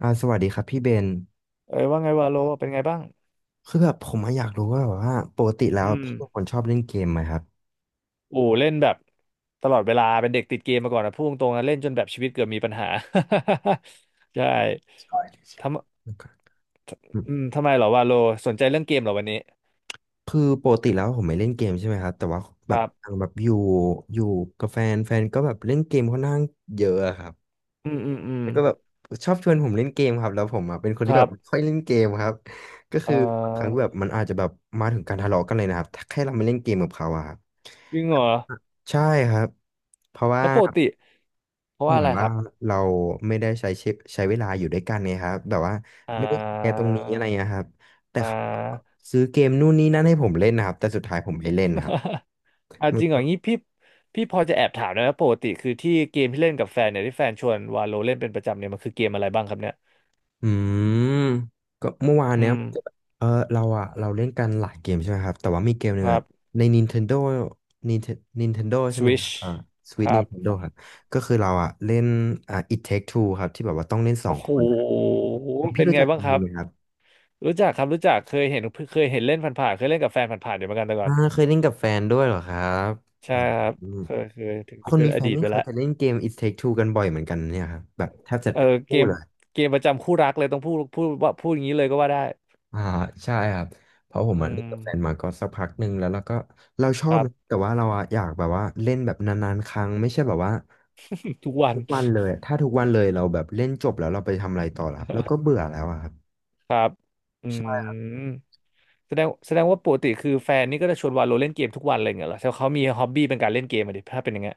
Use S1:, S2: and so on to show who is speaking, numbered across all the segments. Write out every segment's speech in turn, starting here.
S1: สวัสดีครับพี่เบน
S2: เอ้ยว่าไงวาโลเป็นไงบ้าง
S1: คือแบบผมอะอยากรู้ว่าแบบว่าปกติแล้
S2: อื
S1: ว
S2: ม
S1: พี่เป็นคนชอบเล่นเกมไหมครับ
S2: โอ้เล่นแบบตลอดเวลาเป็นเด็กติดเกมมาก่อนนะพูดตรงๆนะเล่นจนแบบชีวิตเกือบมีปัญหา ใช่
S1: ใช่เลยครั
S2: ทำ
S1: บอืม
S2: อืมทำไมเหรอวาโลสนใจเรื่องเกมเหรอวันนี้
S1: คือปกติแล้วผมไม่เล่นเกมใช่ไหมครับแต่ว่า
S2: ค
S1: แบ
S2: รั
S1: บ
S2: บ
S1: ทางแบบอยู่กับแฟนแฟนก็แบบเล่นเกมค่อนข้างเยอะอะครับ
S2: อืมอืมอืม
S1: แล้วก็แบบชอบชวนผมเล่นเกมครับแล้วผมอะเป็นคน
S2: ค
S1: ที่
S2: รั
S1: แบบไม่ค่
S2: บ
S1: อยเล่นเกมครับก็
S2: เอ่
S1: คือครั้ง
S2: อ
S1: แบบมันอาจจะแบบมาถึงการทะเลาะกันเลยนะครับถ้าแค่เราไม่เล่นเกมกับเขาอะครับ
S2: จริงเหรอ
S1: ใช่ครับเพราะว่า
S2: แล้วปกติเพราะว่า
S1: เหมื
S2: อะ
S1: อน
S2: ไรค
S1: ว่า
S2: รับ
S1: เราไม่ได้ใช้ชีวิตใช้เวลาอยู่ด้วยกันไงครับแบบว่า
S2: อ่
S1: ไม่ได้แชร์ตร
S2: า
S1: งนี้อะไรนะครับแต่
S2: อ่
S1: เขาก็
S2: า
S1: ซื้อเกมนู่นนี่นั่นให้ผมเล่นนะครับแต่สุดท้ายผมไม่เล่นครับ
S2: อ่า
S1: มั
S2: จ
S1: น
S2: ริงเหรอ
S1: ก็
S2: งี้พี่พอจะแอบถามได้ไหมปกติคือที่เกมที่เล่นกับแฟนเนี่ยที่แฟนชวนวาโลเล่นเป็นประจำเนี่ยมันคือเกมอะไรบ้างครับเนี่ย
S1: อืมก็เมื่อวาน
S2: อื
S1: เนี้ย
S2: ม
S1: มันจะแบบเราเล่นกันหลายเกมใช่ไหมครับแต่ว่ามีเกมห
S2: ค
S1: นึ่ง
S2: รั
S1: อะ
S2: บ
S1: ใน Nintendo Nintendo ใช่ไหมครั
S2: Switch
S1: บอ่า
S2: ค
S1: Switch
S2: รับ
S1: Nintendo ครับก็คือเราอะเล่นอ่า It Take Two ครับที่แบบว่าต้องเล่นสอ
S2: โอ้
S1: ง
S2: โห
S1: คนครับพี่
S2: เป็น
S1: รู้
S2: ไง
S1: จัก
S2: บ้างค
S1: คำ
S2: รั
S1: นี้
S2: บ
S1: ไหมครับ
S2: รู้จักครับรู้จักเคยเห็นเคยเห็นเล่นผ่านๆเคยเล่นกับแฟนผ่านๆอยู่เหมือนกันแต่ก่อ
S1: อ่า
S2: น
S1: เคยเล่นกับแฟนด้วยเหรอครับอ
S2: ใช่ครับ
S1: ืม
S2: เคยเคยถึง
S1: ค
S2: จะ
S1: น
S2: เป็น
S1: มี
S2: อ
S1: แฟน
S2: ดีต
S1: นี่
S2: ไป
S1: เขา
S2: แล้ว
S1: จะเล่นเกม It Take Two กันบ่อยเหมือนกันเนี่ยครับแบบแทบจะ
S2: เออ
S1: ทุก
S2: เก
S1: คู่
S2: ม
S1: เลย
S2: เกมประจำคู่รักเลยต้องพูดพูดว่าพูดอย่างนี้เลยก็ว่าได้
S1: อ่าใช่ครับเพราะผม
S2: อื
S1: อะเล่
S2: ม
S1: นกับแฟนมาก็สักพักหนึ่งแล้วเราก็เราช
S2: ค
S1: อบ
S2: รับ
S1: นะแต่ว่าเราอะอยากแบบว่าเล่นแบบนานๆครั้งไม่ใช่แบบว่า
S2: ทุกวัน
S1: ทุกวันเลยถ้าทุกวันเลยเราแบบเล่นจบแล้วเราไปทำอะไรต่อล่ะครับแล้วก็เบื่ อแล้วอะครับ
S2: ครับอืมแสดงว่าปกติคือแฟนนี่ก็จะชวนวาโลเล่นเกมทุกวันเลยเหรอแต่เขามีฮ็อบบี้เป็นการเล่นเกมอะดิถ้าเป็นอย่างเงี้ย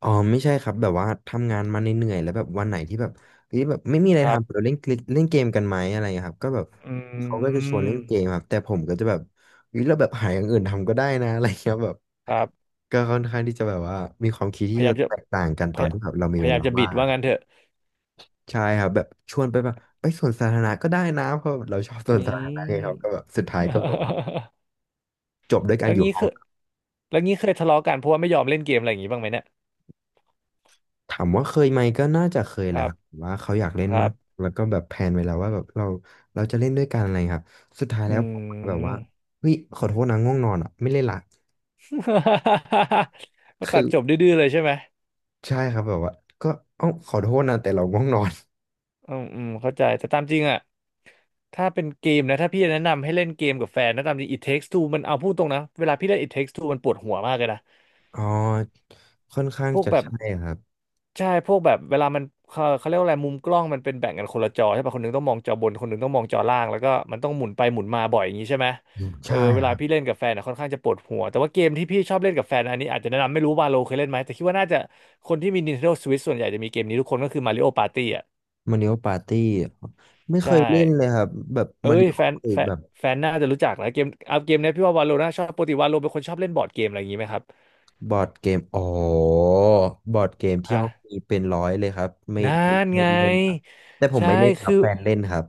S1: อ๋อไม่ใช่ครับแบบว่าทำงานมาเหนื่อยๆแล้วแบบวันไหนที่แบบเฮ้ยแบบไม่มีอะไร
S2: ครับ
S1: ทำเราเล่นคลิกเล่นเกมกันไหมอะไรเงี้ยครับก็แบบ
S2: อื
S1: เขาก็จะชวน
S2: ม
S1: เล่นเกมครับแต่ผมก็จะแบบเฮ้ยเราแบบหาอย่างอื่นทำก็ได้นะอะไรเงี้ยแบบ
S2: ครับ
S1: ก็ค่อนข้างที่จะแบบว่ามีความคิด
S2: พ
S1: ที่
S2: ยา
S1: จะ
S2: ยามจะ
S1: แตกต่างกัน
S2: พ
S1: ตอน
S2: ย
S1: ที่แบบเรามี
S2: พ
S1: เว
S2: ยายาม
S1: ลา
S2: จะบิ
S1: ว่า
S2: ด
S1: ง
S2: ว่า
S1: ครับ
S2: งั้นเถอะ
S1: ใช่ครับแบบชวนไปแบบไปสวนสาธารณะก็ได้นะเพราะเราชอบสวนสา
S2: นี่
S1: ธารณะไงครับก็แบบสุดท้ายก็แบบว่า จบด้วยกา
S2: แล้
S1: ร
S2: ว
S1: อยู่
S2: งี้
S1: ห้อ
S2: คือ
S1: ง
S2: แล้วงี้เคยทะเลาะกันเพราะว่าไม่ยอมเล่นเกมอะไรอย่างงี้บ้างไหมเนี่ย
S1: ถามว่าเคยไหมก็น่าจะเคย
S2: ค
S1: แหละ
S2: รั
S1: ค
S2: บ
S1: รับว่าเขาอยากเล่น
S2: ครั
S1: มา
S2: บ
S1: กแล้วก็แบบแพลนไว้แล้วว่าแบบเราเราจะเล่นด้วยกันอะไรครับสุดท้าย
S2: อื
S1: แล้วผมแบบว่า
S2: ม
S1: เฮ้ยขอโทษนะง่วงนอนอ่ะไม่เล่นละ
S2: ก็ตั
S1: คื
S2: ด
S1: อ
S2: จบดื้อๆเลยใช่ไหม
S1: ใช่ครับแบบว่าก็เอ้าขอโทษนะแต่เราง่วงนอน
S2: อืมอืมเข้าใจแต่ตามจริงอะถ้าเป็นเกมนะถ้าพี่แนะนำให้เล่นเกมกับแฟนนะตามจริง It Takes Two มันเอาพูดตรงนะเวลาพี่เล่น It Takes Two มันปวดหัวมากเลยนะ
S1: อ๋อค่อนข้าง
S2: พวก
S1: จะ
S2: แบบ
S1: ใช่ครับ
S2: ใช่พวกแบบเวลามันเขาเรียกว่าอะไรมุมกล้องมันเป็นแบ่งกันคนละจอใช่ป่ะคนหนึงต้องมองจอบนคนหนึงต้องมองจอล่างแล้วก็มันต้องหมุนไปหมุนมาบ่อยอย่างนี้ใช่ไหม
S1: อืม
S2: เออ
S1: ใช่
S2: เว
S1: ค
S2: ลา
S1: รับ
S2: พี่เล่นกับแฟนอะค่อนข้างจะปวดหัวแต่ว่าเกมที่พี่ชอบเล่นกับแฟนอันนี้อาจจะแนะนำไม่รู้วาโลเคยเล่นไหมแต่คิดว่าน่าจะคนที่มี Nintendo Switch ส่วนใหญ่จะมีเกมนี้ทุกคนก็คือ Mario Party อ่ะ
S1: มาริโอปาร์ตี้ไม่เค
S2: ใช่
S1: ยเล่นเลยครับแบบ
S2: เอ้
S1: มาริ
S2: ย
S1: โอ
S2: แฟนแฟน
S1: แบบ
S2: แฟนน่าจะรู้จักนะเกมเอาเกมเนี้ยพี่ว่าวาโลน่าชอบปกติวาโลเป็นคนชอบเล่นบอร์ดเกมอะไรอย่างนี้ไหมครับ
S1: บอร์ดเกมอ๋อบอร์ดเกมที่
S2: ฮะ
S1: ห้องมีเป็นร้อยเลยครับไม่
S2: นั่น
S1: ไม่
S2: ไง
S1: เล่นครับแต่ผม
S2: ใช่
S1: ไม่เล่นครั
S2: คื
S1: บ
S2: อ
S1: แฟนเล่นครับ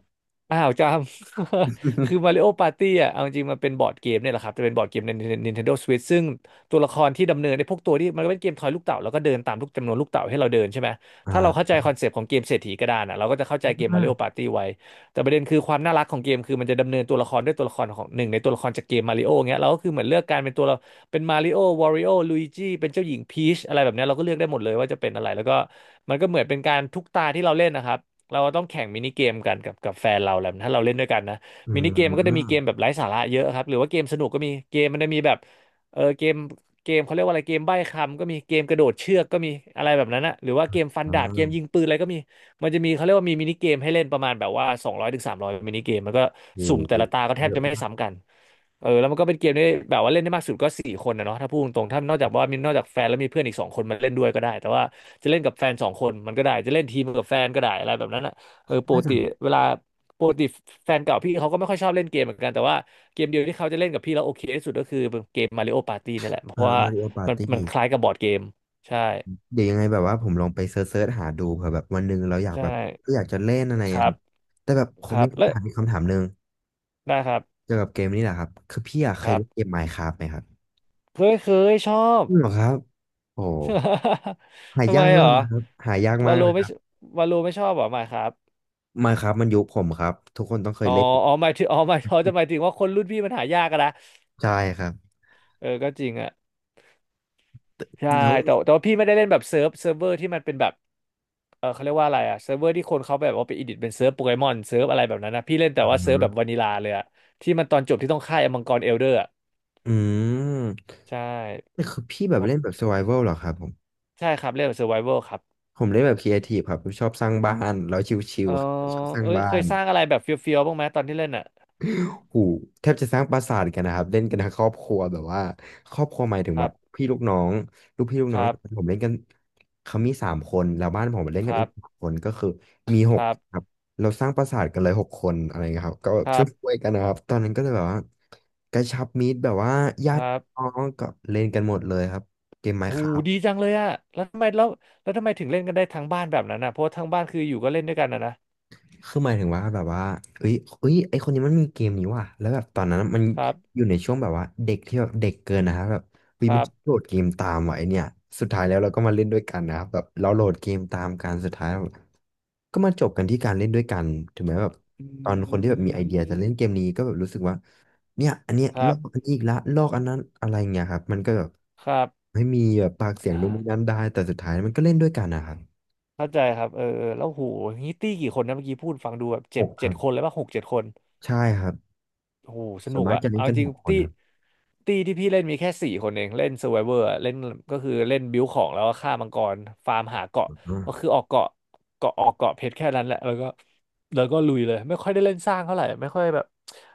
S2: อ้าวจำ คือ Mario Party อ่ะเอาจริงมันเป็นบอร์ดเกมเนี่ยแหละครับจะเป็นบอร์ดเกมใน Nintendo Switch ซึ่งตัวละครที่ดำเนินในพวกตัวที่มันก็เป็นเกมทอยลูกเต่าแล้วก็เดินตามลูกจำนวนลูกเต่าให้เราเดินใช่ไหม
S1: อ่
S2: ถ้าเราเข้า
S1: า
S2: ใจคอนเซปต์ของเกมเศรษฐีกระดานอ่ะเราก็จะเข้าใจเกม Mario Party ไว้แต่ประเด็นคือความน่ารักของเกมคือมันจะดำเนินตัวละครด้วยตัวละครของหนึ่งในตัวละครจากเกมมาริโอเงี้ยเราก็คือเหมือนเลือกการเป็นตัวเราเป็นมาริโอวอริโอลุยจิเป็นเจ้าหญิงพีชอะไรแบบเนี้ยเราก็เลือกได้หมดเลยว่าจะเป็นอะไรแล้วก็มันก็เหมือนเป็นการทุกตาที่เราเล่นนะครับ เราต้องแข่งมินิเกมกันกับแฟนเราแหละถ้าเราเล่นด้วยกันนะ
S1: อื
S2: มินิเกมมันก็จะมีเกม
S1: ม
S2: แบบไร้สาระเยอะครับหรือว่าเกมสนุกก็มีเกมมันจะมีแบบเออเกมเขาเรียกว่าอะไรเกมใบ้คำก็มีเกมกระโดดเชือกก็มีอะไรแบบนั้นนะหรือว่าเกมฟัน
S1: อ่า
S2: ดาบเกมยิงปืนอะไรก็มีมันจะมีเขาเรียกว่ามีมินิเกมให้เล่นประมาณแบบว่า200-300มินิเกมมันก็
S1: โอ้
S2: สุ่ม
S1: โห
S2: แต่ละตาก็แท
S1: เย
S2: บ
S1: อะ
S2: จะไม่
S1: มาก
S2: ซ้ำกัน เออแล้วมันก็เป็นเกมที่แบบว่าเล่นได้มากสุดก็4 คนนะเนาะถ้าพูดตรงๆถ้านอกจากว่ามีนอกจากแฟนแล้วมีเพื่อนอีกสองคนมาเล่นด้วยก็ได้แต่ว่าจะเล่นกับแฟนสองคนมันก็ได้จะเล่นทีมกับแฟนก็ได้อะไรแบบนั้นอ่ะเออปก
S1: น่าจะ
S2: ติเวลาปกติแฟนเก่าพี่เขาก็ไม่ค่อยชอบเล่นเกมเหมือนกันแต่ว่าเกมเดียวที่เขาจะเล่นกับพี่แล้วโอเคที่สุดก็คือเกมมาริโอปาร์ตี้นี่แหละเพราะว่า
S1: มาริโอปา
S2: มั
S1: ร์
S2: นมัน
S1: ตี้
S2: คล้ายกับบอร์ดเกมใช่
S1: เดี๋ยวยังไงแบบว่าผมลองไปเซิร์ชๆหาดูเผื่อแบบวันหนึ่งเราอยาก
S2: ใช่
S1: แบบก็อยากจะเล่นอะไร
S2: ค
S1: อะ
S2: รั
S1: ครั
S2: บ
S1: บแต่แบบผ
S2: ค
S1: ม
S2: รั
S1: มี
S2: บและ
S1: คำถามอีกคำถามหนึ่ง
S2: ได้ครับ
S1: เกี่ยวกับเกมนี่แหละครับคือพี่อะเค
S2: ค
S1: ย
S2: รับ
S1: เล่นเกม Minecraft ไหมครับ
S2: เคยเคยชอบ
S1: จริงเหรอครับโอ้ หา
S2: ทำไม
S1: ยาก
S2: เหร
S1: มา
S2: อ
S1: กนะครับหายากมา
S2: วา
S1: ก
S2: โล
S1: นะ
S2: ไม่วาโลไม่ชอบเหรอหมายครับ
S1: ไมน์ครับมันยุคผมครับทุกคนต้องเค
S2: อ๋
S1: ย
S2: อ
S1: เล่น
S2: อ๋อหมายถึงอ๋อหมายเขาจะหมายถึงว่าคนรุ่นพี่มันหายากอะนะ
S1: ใช่ครับ
S2: เออก็จริงอะใช่
S1: แล้ว
S2: แต่ว่าพี่ไม่ได้เล่นแบบเซิร์ฟเวอร์ที่มันเป็นแบบเออเขาเรียกว่าอะไรอะเซิร์ฟเวอร์ที่คนเขาแบบว่าไปอิดิทเป็นเซิร์ฟโปเกมอนเซิร์ฟอะไรแบบนั้นนะพี่เล่นแต่ว่า
S1: อ่า
S2: เซิร์ฟแบบวานิลาเลยอะที่มันตอนจบที่ต้องฆ่าไอ้มังกรเอลเดอร์อะ
S1: อืม
S2: ใช่
S1: นี่คือพี่แบ
S2: เพ
S1: บ
S2: ราะ
S1: เล่นแบบ survival เหรอครับผม
S2: ใช่ครับเล่นแบบเซอร์ไวเวอร์ครับ
S1: ผมเล่นแบบ creative ครับผมชอบสร้างบ้านแล้วชิ
S2: เอ
S1: ว
S2: อ
S1: ๆครับชอบสร้าง
S2: เอ้ย
S1: บ้า
S2: เคย
S1: น
S2: สร้างอะไรแบบเฟี้ยวๆบ้างไหมตอนที่เล่นอะ
S1: กูแทบจะสร้างปราสาทกันนะครับเล่นกันทั้งครอบครัวแบบว่าครอบครัวหมายถึง
S2: ครั
S1: ว่า
S2: บ
S1: พี่ลูกน้องลูกพี่ลูก
S2: ค
S1: น้อง
S2: รั
S1: แต่
S2: บ
S1: ผมเล่นกันเขามีสามคนแล้วบ้านผมเล่น
S2: ค
S1: กัน
S2: รั
S1: อีกสา
S2: บ
S1: มคนก็คือมีห
S2: ค
S1: ก
S2: รั
S1: ค
S2: บ
S1: รับเราสร้างปราสาทกันเลยหกคนอะไรเงี้ยครับก็แบ
S2: ค
S1: บ
S2: รั
S1: ช่
S2: บ
S1: วยๆกันนะครับตอนนั้นก็เลยแบบว่ากระชับมิตรแบบว่า
S2: ค
S1: ญาติ
S2: รับ
S1: พี่น้องก็เล่นกันหมดเลยครับเกมไม้
S2: โอ้
S1: ขา
S2: โหดีจังเลยอะแล้วทำไมแล้วแล้วทำไมถึงเล่นกันได้ทั้งบ้านแบบนั้นอะเพราะว่าทั้งบ้านคืออยู่ก็เล่นด้วยกันนะนะ
S1: คือหมายถึงว่าแบบว่าเอ้ยเอ้ยไอคนนี้มันมีเกมนี้ว่ะแล้วแบบตอนนั้นมัน
S2: ครับ
S1: อยู่ในช่วงแบบว่าเด็กที่แบบเด็กเกินนะครับแบบเฮ้
S2: ค
S1: ยมัน
S2: รับ
S1: โหลดเกมตามว่ะไอเนี่ยสุดท้ายแล้วเราก็มาเล่นด้วยกันนะครับแบบเราโหลดเกมตามกันสุดท้ายแล้วก็มาจบกันที่การเล่นด้วยกันถึงแม้แบบ
S2: อ
S1: ตอนคนที่
S2: ื
S1: แบบมีไอเดียจะเล่น
S2: ม
S1: เกมนี้ก็แบบรู้สึกว่าเนี่ยอันเนี้ย
S2: ค
S1: ล
S2: รั
S1: อ
S2: บ
S1: กอันนี้อีกละลอกอันนั้นอะไรเงี้ยครับมันก็แบบ
S2: ครับ
S1: ไม่มีแบบปากเสียงนู่น
S2: อ่า
S1: นี่นั่นได้แต่สุดท้ายมันก็เล่นด้วยกันนะครับ
S2: เข้าใจครับ เออเออแล้วโหงนี้ตี้กี่คนนะเมื่อกี้พูดฟังดูแบบ
S1: ห
S2: เจ็ด
S1: กค
S2: เจ็
S1: รั
S2: ด
S1: บ
S2: คนเลยป่ะหกเจ็ดคน
S1: ใช่ครับ
S2: โอ้โหส
S1: ส่
S2: นุ
S1: วน
S2: ก
S1: มาก
S2: อะ
S1: จะเล่น
S2: เอา
S1: กัน
S2: จ
S1: ห
S2: ริง
S1: กคน
S2: ตี้
S1: ครับ
S2: ตี้ที่พี่เล่นมีแค่4 คนเองเล่น Survivor อะเล่นก็คือเล่นบิวของแล้วก็ฆ่ามังกรฟาร์มหาเกาะ
S1: อ
S2: ก็คือออกเกาะเกาะออกเกาะเพชรแค่นั้นแหละแล้วก็แล้วก็ลุยเลยไม่ค่อยได้เล่นสร้างเท่าไหร่ไม่ค่อยแบบ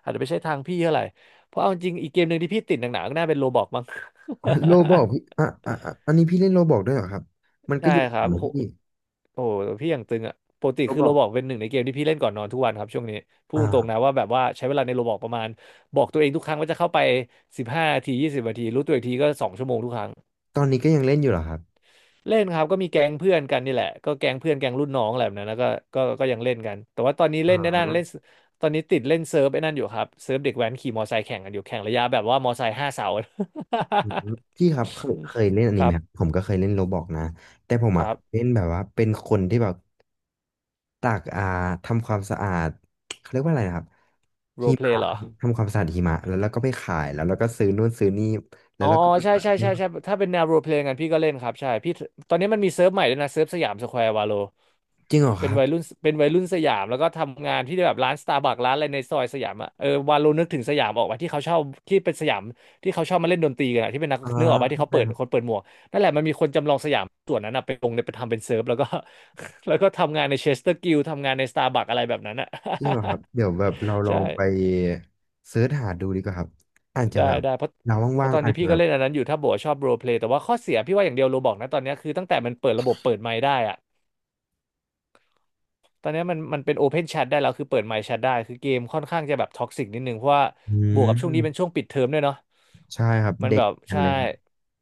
S2: อาจจะไม่ใช่ทางพี่เท่าไหร่เพราะเอาจริงอีกเกมหนึ่งที่พี่ติดหนักๆก็น่าเป็นโรบอกมั้ง
S1: ๋อโลบอกพี่ อ่ะอ่ะอะอันนี้พี่เล่นโลบอกด้วยเหรอครับ มันก็
S2: ใช่
S1: อยู่
S2: ครับ
S1: เหมือน
S2: โห
S1: พี่
S2: โอ้โหพี่อย่างตึงอะปกติ
S1: โล
S2: คือ
S1: บ
S2: โร
S1: อก
S2: บอกเป็นหนึ่งในเกมที่พี่เล่นก่อนนอนทุกวันครับช่วงนี้พูดตรงๆนะ
S1: อ่า
S2: ว่าแบบว่าใช้เวลาในโรบอกประมาณบอกตัวเองทุกครั้งว่าจะเข้าไป15 นาที20 นาทีรู้ตัวอีกทีก็2 ชั่วโมงทุกครั้ง
S1: ตอนนี้ก็ยังเล่นอยู่เหรอครับ
S2: เล่นครับก็มีแก๊งเพื่อนกันนี่แหละก็แก๊งเพื่อนแก๊งรุ่นน้องอะไรแบบนั้นแล้วก็ก็ยังเล่นกันแต่ว่าตอนนี้
S1: อ๋
S2: เล่นในนั่นเล่น
S1: อ
S2: ตอนนี้ติดเล่นเซิร์ฟไอ้นั่นอยู่ครับเซิร์ฟเด็กแว้นขี่มอไซค์แข่งกันอยู่แข่งระยะแบบว่ามอไซค์5 เสา
S1: อืมพี่ครับเคยเล่นอัน
S2: ค
S1: นี้ไห
S2: รั
S1: มครับ
S2: บ
S1: ผมก็เคยเล่นโลบอกนะแต่ผม
S2: ค
S1: อ่ะ
S2: รั
S1: เล่
S2: บ
S1: นแบบว่าเป็นคนที่แบบตากทำความสะอาดเขาเรียกว่าอะไรนะครับ
S2: โร
S1: หิ
S2: เพลย์
S1: มะ
S2: เหร
S1: ค
S2: อ
S1: รับทำความสะอาดหิมะแล้วเราก็ไปขายแล้วเราก็ซื้อนู่นซื้อนี่แล้
S2: อ๋
S1: ว
S2: อ
S1: เราก็ไป
S2: ใช่
S1: ขา
S2: ใช่
S1: ย
S2: ใช่ใช่ถ้าเป็นแนวโรลเพลย์กันพี่ก็เล่นครับใช่พี่ตอนนี้มันมีเซิร์ฟใหม่ด้วยนะเซิร์ฟสยามสแควร์วาโล
S1: จริงเหรอค
S2: เป็น
S1: รับ
S2: วัยรุ่นเป็นวัยรุ่นสยามแล้วก็ทำงานที่แบบร้านสตาร์บัคร้านอะไรในซอยสยามอ่ะเออวาโลนึกถึงสยามออกมาที่เขาชอบที่เป็นสยามที่เขาชอบมาเล่นดนตรีกันอะที่เป็นนัก
S1: อ่า
S2: นึกออกมาที่
S1: เข้า
S2: เขา
S1: ใจ
S2: เปิดคนเปิดหมวกนั่นแหละมันมีคนจำลองสยามส่วนนั้นอ่ะไปลงในไปทำเป็นเซิร์ฟแล้วก็ แล้วก็ทำงานในเชสเตอร์กิลทำงานในสตาร์บัคอะไรแบบนั้นอ่ะ
S1: จริงเหรอครับเดี๋ยวแบบเรา ลอ
S2: ใช่
S1: งไปเสิร์ชหาดูดีกว่าครับอาจจะ
S2: ได้
S1: แบบ
S2: ได้เพราะ
S1: เรา
S2: เพ
S1: ว่า
S2: ราะ
S1: ง
S2: ตอน
S1: ๆอา
S2: นี้
S1: จจะ
S2: พี่
S1: แบ
S2: ก็
S1: บ
S2: เล่นอันนั้นอยู่ถ้าโบกว่าชอบโรลเพลย์แต่ว่าข้อเสียพี่ว่าอย่างเดียวโรบอกนะตอนเนี้ยคือตั้งแต่มันเปิดระบบเปิดไมค์ได้อะตอนเนี้ยมันเป็นโอเพนแชทได้แล้วคือเปิดไมค์แชทได้คือเกมค่อนข้างจะแบบท็อกซิกนิดนึงเพราะว่า
S1: อื
S2: บวกกับช่วงนี้เป็น
S1: ม
S2: ช่วงปิดเทอมด้วยเนาะ
S1: ใช่ครับ
S2: มัน
S1: เด็
S2: แบ
S1: ก
S2: บ
S1: กัน
S2: ใช่
S1: เลยครับ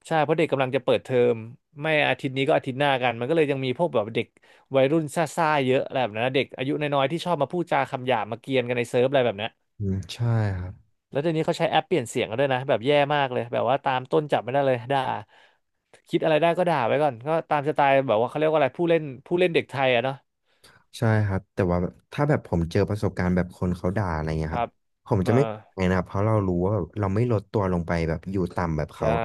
S2: ใช่เพราะเด็กกำลังจะเปิดเทอมไม่อาทิตย์นี้ก็อาทิตย์หน้ากันมันก็เลยยังมีพวกแบบเด็กวัยรุ่นซ่าๆเยอะอะไรแบบนั้นนะเด็กอายุน้อยๆที่ชอบมาพูดจาคำหยาบมาเกรียนกันในเซิร์ฟอะไรแบบนั้น
S1: อืมใช่ครับ
S2: แล้วเดี๋ยวนี้เขาใช้แอปเปลี่ยนเสียงกันด้วยนะแบบแย่มากเลยแบบว่าตามต้นจับไม่ได้เลยด่าคิดอะไรได้ก็ด่าไว้ก่อนก็ตามสไตล์แบบว่าเขาเรียกว่าอะไรผู้เล่นเด็กไทยอะเนาะ
S1: ใช่ครับแต่ว่าแบบถ้าแบบผมเจอประสบการณ์แบบคนเขาด่าอะไรเงี้ย
S2: ค
S1: ค
S2: รั
S1: รับ
S2: บ
S1: ผมจะ
S2: มา
S1: ไม่ไงนะครับเพราะเรารู้ว่าแบบเราไม่ลดตัวลงไปแบบอยู่ต่ำแบบเขา
S2: ใช่
S1: อะ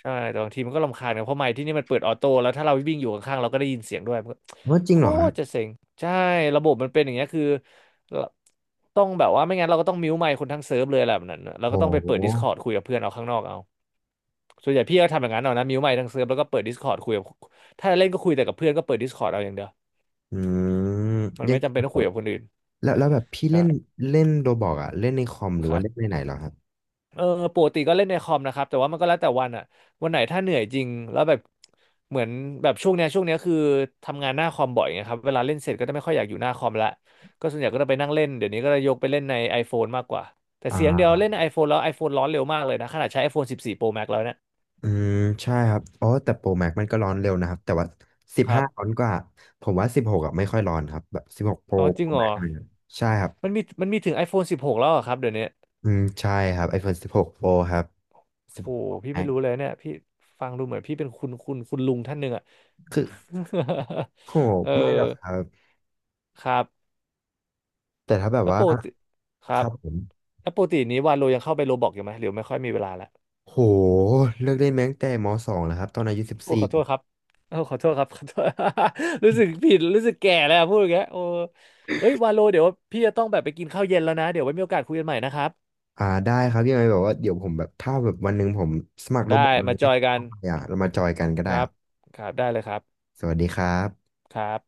S2: ใช่แต่บางทีมันก็รำคาญกันเพราะไมค์ที่นี่มันเปิดออโต้แล้วถ้าเราวิ่งอยู่ข้างๆเราก็ได้ยินเสียงด้วยมันก็
S1: ว่าจริ
S2: โค
S1: งเหรอครับ
S2: ตรจะเซ็งใช่ระบบมันเป็นอย่างเงี้ยคือต้องแบบว่าไม่งั้นเราก็ต้องมิวไมค์คนทั้งเซิร์ฟเลยแหละแบบนั้นน่ะเราก็
S1: โอ้
S2: ต้องไปเปิ
S1: โห
S2: ด Discord คุยกับเพื่อนเอาข้างนอกเอา ส่วนใหญ่พี่ก็ทำอย่างนั้นเอานะมิวใหม่ทั้งเซิร์ฟแล้วก็เปิด Discord คุยกับถ้าเล่นก็คุยแต่กับเพื่อนก็เปิด Discord เอาอย่างเดียว
S1: อืม
S2: มัน
S1: ยั
S2: ไม่
S1: ง
S2: จำเป็นต้องคุยกับคนอื่น
S1: แล้วแบบพี่
S2: ค
S1: เล่
S2: รั
S1: น
S2: บ
S1: เล่นโรบอกอะเล่นในคอมหรื
S2: ค
S1: อ
S2: รั
S1: ว่าเล่น
S2: บ
S1: ในไหนเหรอครับ
S2: เออปกติก็เล่นในคอมนะครับแต่ว่ามันก็แล้วแต่วันอะวันไหนถ้าเหนื่อยจริงแล้วแบบเหมือนแบบช่วงเนี้ยคือทำงานหน้าคอมบ่อยไงครับเวลาเล่นเสร็จก็จะไม่ค่อยอยากอยู่หน้าคอมละก็ส่วนใหญ่ก็จะไปนั่งเล่นเดี๋ยวนี้ก็จะยกไปเล่นใน iPhone มากกว่าแต่
S1: อ่
S2: เสียงเดียวเล่
S1: า
S2: นใน iPhone แล้ว iPhone ร้อนเร็วมากเลยนะขนาดใช้ iPhone 14 Pro Max แล้วเนี่ย
S1: อืมใช่ครับอ๋อแต่โปรแม็กมันก็ร้อนเร็วนะครับแต่ว่าสิบ
S2: ครั
S1: ห้าร้อ
S2: บ
S1: นกว่าผมว่าสิบหกอ่ะไม่ค่อยร้อนครับแบบสิบหก
S2: อ๋อจ
S1: โป
S2: ริ
S1: ร
S2: งเหรอ
S1: แม็กเลยใช่ครับ
S2: มันมีถึง iPhone 16แล้วเหรอครับเดี๋ยวนี้
S1: อืมใช่ครับ iPhone 16 Pro ครับ
S2: โห
S1: 16 Pro
S2: พี่ไม่
S1: Max
S2: รู้เลยเนี่ยพี่ฟังดูเหมือนพี่เป็นคุณคุณลุงท่านหนึ่งอ่ะ
S1: คือ โห
S2: เอ
S1: ไม่หรอกค
S2: อ
S1: รับ
S2: ครับ
S1: แต่ถ้าแบบ
S2: แล้ว
S1: ว่า
S2: ปกติครั
S1: ค
S2: บ
S1: รับผม
S2: แล้วปกตินี้วาโลยังเข้าไปโรบอกอยู่ไหมหรือไม่ค่อยมีเวลาละ
S1: โหเลิกเล่นแม้ตั้งแต่ม .2 แล้วครับตอนอายุสิบ
S2: โอ้
S1: สี
S2: ขอโท
S1: 4
S2: ษครับโอ้ขอโทษครับ ขอโทษ รู้สึกผิดรู้สึกแก่แล้วพูดอย่างเงี้ยโอ้เอ้ยวาโลเดี๋ยวพี่จะต้องแบบไปกินข้าวเย็นแล้วนะเดี๋ยวไว้มีโอกาสคุยกันใหม่นะครับ
S1: อ่าได้ครับยังไงแบบว่าเดี๋ยวผมแบบถ้าแบบวันหนึ่งผมสมัครโรบ
S2: ได้
S1: อทเล
S2: มา
S1: ย
S2: จอยกัน
S1: เข้าไปอ่ะเรามาจอยกันก็
S2: ค
S1: ได้
S2: รับ
S1: อ่ะ
S2: ครับได้เลยครับ
S1: สวัสดีครับ
S2: ครับ